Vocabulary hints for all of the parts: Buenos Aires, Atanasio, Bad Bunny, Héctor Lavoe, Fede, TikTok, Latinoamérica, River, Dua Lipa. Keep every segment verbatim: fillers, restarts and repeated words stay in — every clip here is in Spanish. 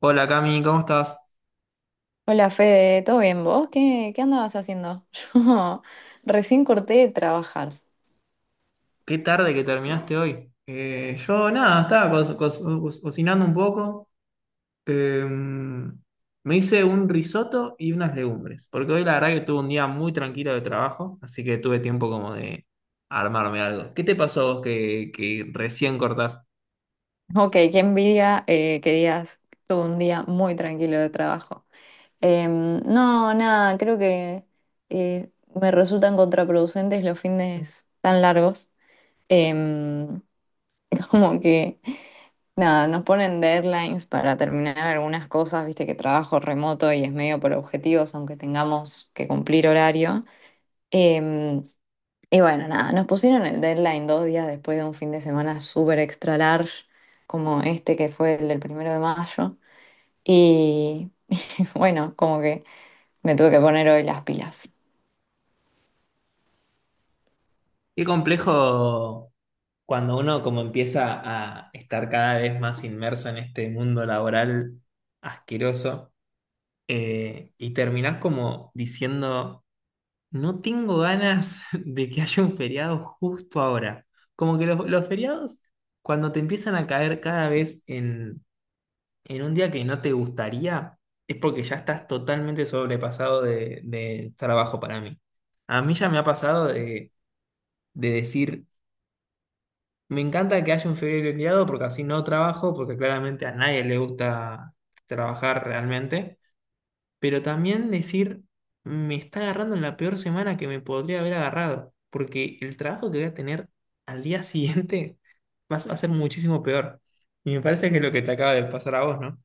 Hola Cami, ¿cómo estás? Hola Fede, ¿todo bien vos? ¿Qué, qué andabas haciendo? Yo recién corté de trabajar. Qué tarde que terminaste hoy. Eh, yo nada, estaba co- co- co- cocinando un poco. Eh, Me hice un risotto y unas legumbres, porque hoy la verdad que tuve un día muy tranquilo de trabajo, así que tuve tiempo como de armarme algo. ¿Qué te pasó a vos que, que recién cortás? Ok, qué envidia eh, que digas, tuve un día muy tranquilo de trabajo. Em, no, nada, creo que eh, me resultan contraproducentes los fines tan largos. Em, como que, nada, nos ponen deadlines para terminar algunas cosas, viste que trabajo remoto y es medio por objetivos, aunque tengamos que cumplir horario. Em, Y bueno, nada, nos pusieron el deadline dos días después de un fin de semana súper extra large, como este que fue el del primero de mayo. Y bueno, como que me tuve que poner hoy las pilas. Qué complejo cuando uno como empieza a estar cada vez más inmerso en este mundo laboral asqueroso, eh, y terminás como diciendo... No tengo ganas de que haya un feriado justo ahora. Como que los, los feriados, cuando te empiezan a caer cada vez en, en un día que no te gustaría, es porque ya estás totalmente sobrepasado de, de trabajo para mí. A mí ya me ha pasado de, de decir, me encanta que haya un feriado porque así no trabajo, porque claramente a nadie le gusta trabajar realmente, pero también decir, me está agarrando en la peor semana que me podría haber agarrado, porque el trabajo que voy a tener al día siguiente va a va a ser muchísimo peor. Y me parece que es lo que te acaba de pasar a vos, ¿no?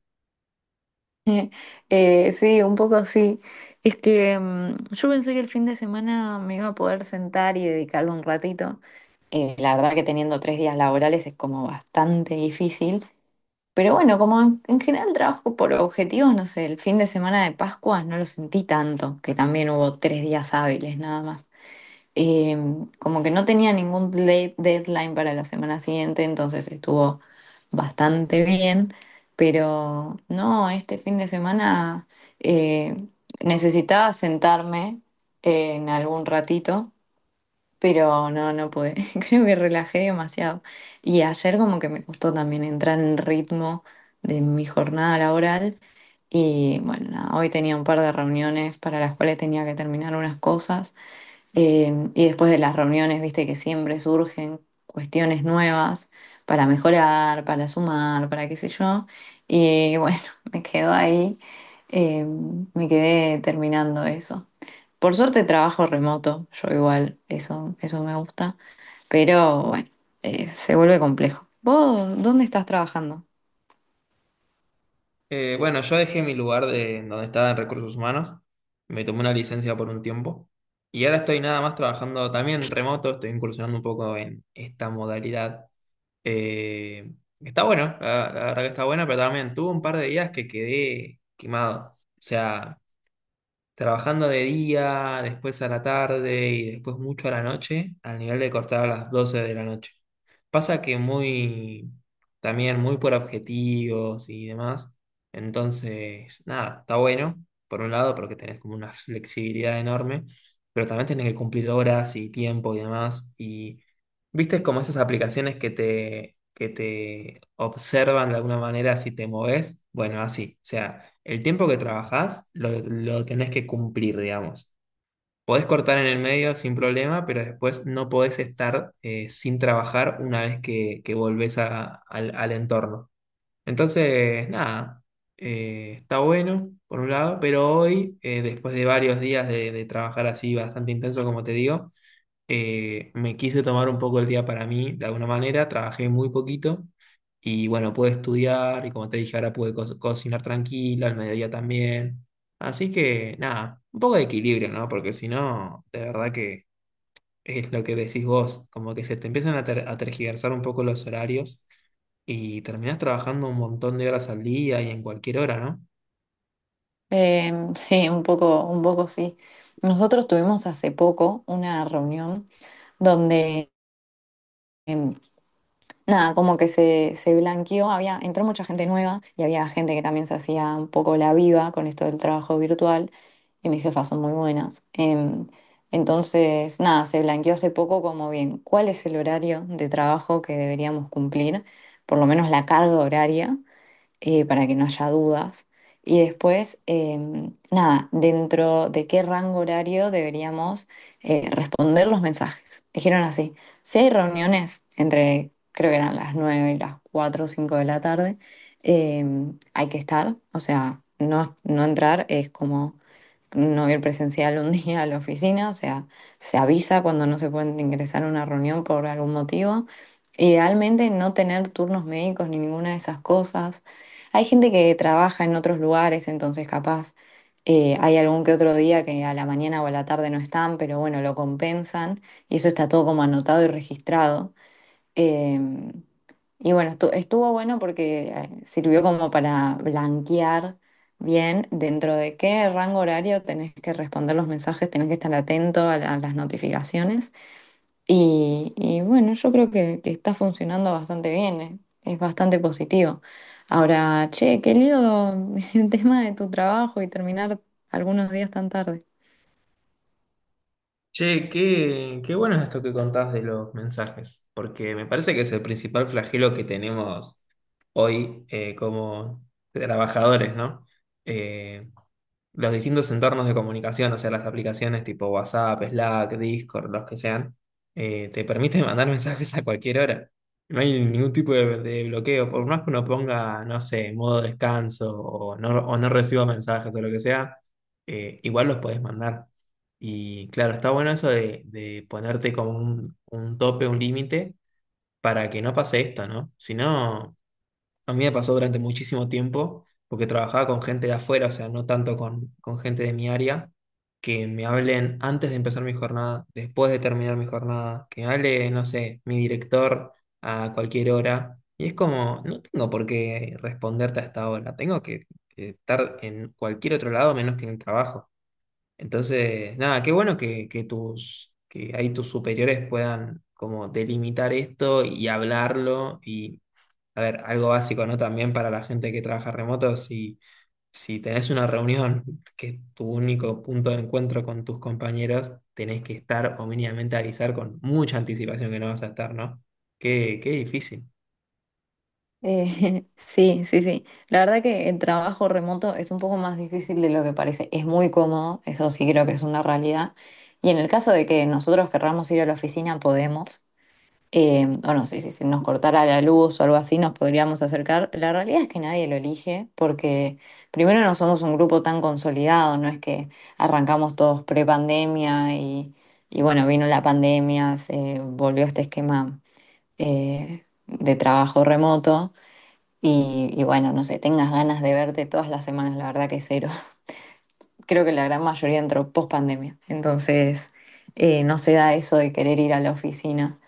Eh, sí, un poco sí. Es que mm, yo pensé que el fin de semana me iba a poder sentar y dedicarlo un ratito. Eh, la verdad que teniendo tres días laborales es como bastante difícil. Pero bueno, como en, en general trabajo por objetivos, no sé, el fin de semana de Pascua no lo sentí tanto, que también hubo tres días hábiles nada más. Eh, como que no tenía ningún de- deadline para la semana siguiente, entonces estuvo bastante bien, pero no, este fin de semana eh, necesitaba sentarme eh, en algún ratito pero no, no pude. Creo que relajé demasiado. Y ayer como que me costó también entrar en ritmo de mi jornada laboral. Y bueno, nada, hoy tenía un par de reuniones para las cuales tenía que terminar unas cosas. Eh, y después de las reuniones, viste que siempre surgen cuestiones nuevas para mejorar, para sumar, para qué sé yo. Y bueno, me quedo ahí. Eh, Me quedé terminando eso. Por suerte trabajo remoto, yo igual, eso, eso me gusta, pero bueno, eh, se vuelve complejo. ¿Vos dónde estás trabajando? Eh, bueno, yo dejé mi lugar de donde estaba en recursos humanos, me tomé una licencia por un tiempo y ahora estoy nada más trabajando también remoto, estoy incursionando un poco en esta modalidad. Eh, Está bueno, la, la verdad que está bueno, pero también tuve un par de días que quedé quemado. O sea, trabajando de día, después a la tarde y después mucho a la noche, al nivel de cortar a las doce de la noche. Pasa que muy, también muy por objetivos y demás. Entonces, nada, está bueno, por un lado, porque tenés como una flexibilidad enorme, pero también tenés que cumplir horas y tiempo y demás. Y viste como esas aplicaciones que te, que te observan de alguna manera si te moves. Bueno, así, o sea, el tiempo que trabajás, lo, lo tenés que cumplir, digamos. Podés cortar en el medio sin problema, pero después no podés estar eh, sin trabajar una vez que, que volvés a- al, al entorno. Entonces, nada, eh, está bueno, por un lado, pero hoy, eh, después de varios días de, de trabajar así bastante intenso, como te digo, eh, me quise tomar un poco el día para mí, de alguna manera, trabajé muy poquito y bueno, pude estudiar y como te dije, ahora pude co- cocinar tranquila, al mediodía también. Así que nada, un poco de equilibrio, ¿no? Porque si no, de verdad que es lo que decís vos, como que se te empiezan a, ter- a tergiversar un poco los horarios y terminás trabajando un montón de horas al día y en cualquier hora, ¿no? Eh, sí, un poco, un poco sí. Nosotros tuvimos hace poco una reunión donde nada, como que se, se blanqueó, había, entró mucha gente nueva y había gente que también se hacía un poco la viva con esto del trabajo virtual y mis jefas son muy buenas. Em, entonces, nada, se blanqueó hace poco como bien, ¿cuál es el horario de trabajo que deberíamos cumplir? Por lo menos la carga horaria eh, para que no haya dudas. Y después, em, nada, dentro de qué rango horario deberíamos eh, responder los mensajes. Dijeron así, si hay reuniones entre, creo que eran las nueve y las cuatro o cinco de la tarde, em, hay que estar, o sea, no, no entrar es como no ir presencial un día a la oficina, o sea, se avisa cuando no se pueden ingresar a una reunión por algún motivo. Idealmente no tener turnos médicos ni ninguna de esas cosas. Hay gente que trabaja en otros lugares, entonces capaz eh, hay algún que otro día que a la mañana o a la tarde no están, pero bueno, lo compensan y eso está todo como anotado y registrado. Eh, y bueno, estu- estuvo bueno porque eh, sirvió como para blanquear bien dentro de qué rango horario tenés que responder los mensajes, tenés que estar atento a la- a las notificaciones. Y, y bueno, yo creo que, que está funcionando bastante bien, eh, es bastante positivo. Ahora, che, qué lío el tema de tu trabajo y terminar algunos días tan tarde. Che, qué, qué bueno es esto que contás de los mensajes, porque me parece que es el principal flagelo que tenemos hoy, eh, como trabajadores, ¿no? Eh, los distintos entornos de comunicación, o sea, las aplicaciones tipo WhatsApp, Slack, Discord, los que sean, eh, te permiten mandar mensajes a cualquier hora. No hay ningún tipo de, de bloqueo, por más que uno ponga, no sé, modo descanso o no, o no reciba mensajes o lo que sea, eh, igual los podés mandar. Y claro, está bueno eso de, de ponerte como un, un tope, un límite, para que no pase esto, ¿no? Si no... A mí me pasó durante muchísimo tiempo, porque trabajaba con gente de afuera, o sea, no tanto con, con gente de mi área, que me hablen antes de empezar mi jornada, después de terminar mi jornada, que me hable, no sé, mi director a cualquier hora. Y es como, no tengo por qué responderte a esta hora, tengo que, que estar en cualquier otro lado menos que en el trabajo. Entonces, nada, qué bueno que, que tus, que ahí tus superiores puedan como delimitar esto y hablarlo y, a ver, algo básico, ¿no? También para la gente que trabaja remoto, si, si tenés una reunión que es tu único punto de encuentro con tus compañeros, tenés que estar o mínimamente avisar con mucha anticipación que no vas a estar, ¿no? Qué, qué difícil. Eh, sí, sí, sí. La verdad que el trabajo remoto es un poco más difícil de lo que parece. Es muy cómodo, eso sí creo que es una realidad. Y en el caso de que nosotros querramos ir a la oficina, podemos. Eh, o no sé, si se nos cortara la luz o algo así, nos podríamos acercar. La realidad es que nadie lo elige porque primero no somos un grupo tan consolidado, no es que arrancamos todos pre-pandemia y, y bueno, vino la pandemia, se volvió este esquema eh, de trabajo remoto y, y bueno, no sé, tengas ganas de verte todas las semanas, la verdad que cero. Creo que la gran mayoría entró post-pandemia, entonces eh, no se da eso de querer ir a la oficina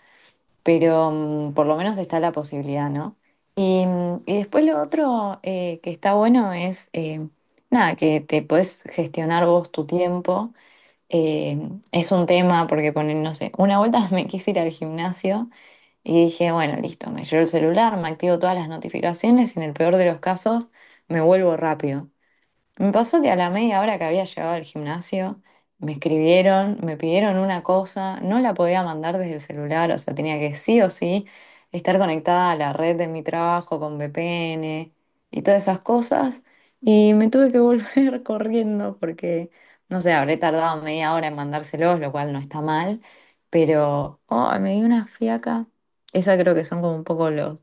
pero mm, por lo menos está la posibilidad, ¿no? Y, mm, y después lo otro eh, que está bueno es, eh, nada, que te puedes gestionar vos tu tiempo. Eh, es un tema porque ponen, no sé, una vuelta me quise ir al gimnasio y dije, bueno, listo, me llevo el celular, me activo todas las notificaciones y en el peor de los casos me vuelvo rápido. Me pasó que a la media hora que había llegado al gimnasio, me escribieron, me pidieron una cosa, no la podía mandar desde el celular, o sea, tenía que sí o sí estar conectada a la red de mi trabajo con V P N y todas esas cosas. Y me tuve que volver corriendo porque, no sé, habré tardado media hora en mandárselos, lo cual no está mal, pero oh, me di una fiaca. Esa creo que son como un poco los,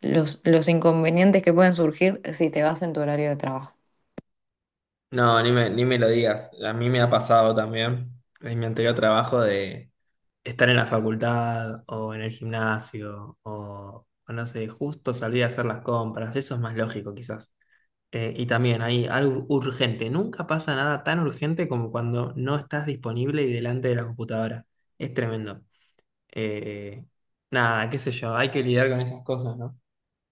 los, los inconvenientes que pueden surgir si te vas en tu horario de trabajo. No, ni me, ni me lo digas. A mí me ha pasado también en mi anterior trabajo de... estar en la facultad o en el gimnasio o, o no sé, justo salir a hacer las compras, eso es más lógico quizás. Eh, y también hay algo urgente, nunca pasa nada tan urgente como cuando no estás disponible y delante de la computadora. Es tremendo. Eh, Nada, qué sé yo, hay que lidiar con esas cosas, ¿no?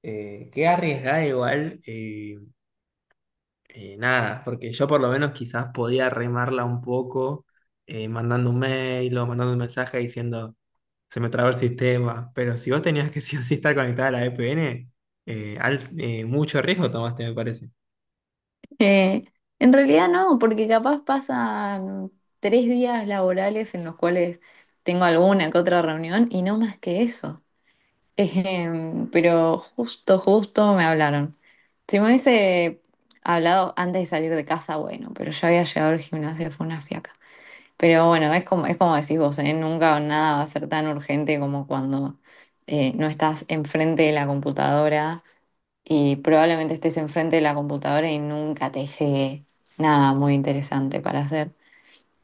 Eh, qué arriesgada igual, eh, eh, nada, porque yo por lo menos quizás podía remarla un poco, eh, mandando un mail o mandando un mensaje diciendo se me traba el sistema. Pero si vos tenías que sí o sí estar conectada a la V P N, eh, al- eh, mucho riesgo tomaste, me parece. Eh, en realidad no, porque capaz pasan tres días laborales en los cuales tengo alguna que otra reunión y no más que eso. Em, pero justo, justo me hablaron. Si me hubiese hablado antes de salir de casa, bueno, pero ya había llegado al gimnasio, fue una fiaca. Pero bueno, es como, es como decís vos, ¿eh? Nunca nada va a ser tan urgente como cuando eh, no estás enfrente de la computadora y probablemente estés enfrente de la computadora y nunca te llegue nada muy interesante para hacer.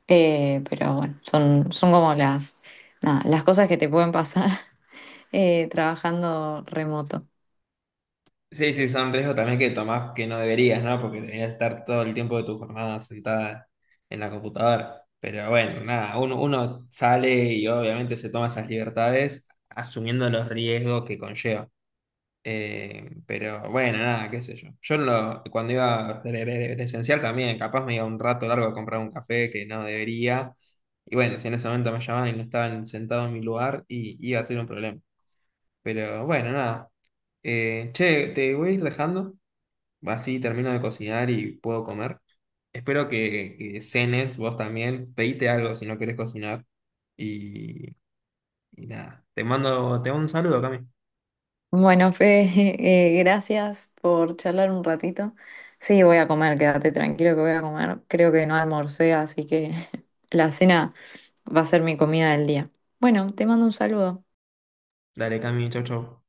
Eh, pero bueno, son, son como las, nada, las cosas que te pueden pasar eh, trabajando remoto. Sí, sí, son riesgos también que tomás que no deberías, ¿no? Porque deberías estar todo el tiempo de tu jornada sentada en la computadora. Pero bueno, nada, uno, uno sale y obviamente se toma esas libertades asumiendo los riesgos que conlleva. Eh, pero bueno, nada, qué sé yo. Yo no lo- cuando iba de, de- de esencial también, capaz me iba un rato largo a comprar un café que no debería. Y bueno, si en ese momento me llamaban y no estaban sentados en mi lugar, y iba a ser un problema. Pero bueno, nada. Eh, che, te voy a ir dejando. Así termino de cocinar y puedo comer. Espero que, que cenes vos también. Pedite algo si no querés cocinar. Y, y nada. Te mando, te mando un saludo, Cami. Bueno, Fede, eh, gracias por charlar un ratito. Sí, voy a comer, quédate tranquilo que voy a comer. Creo que no almorcé, así que la cena va a ser mi comida del día. Bueno, te mando un saludo. Dale, Cami, chau, chau.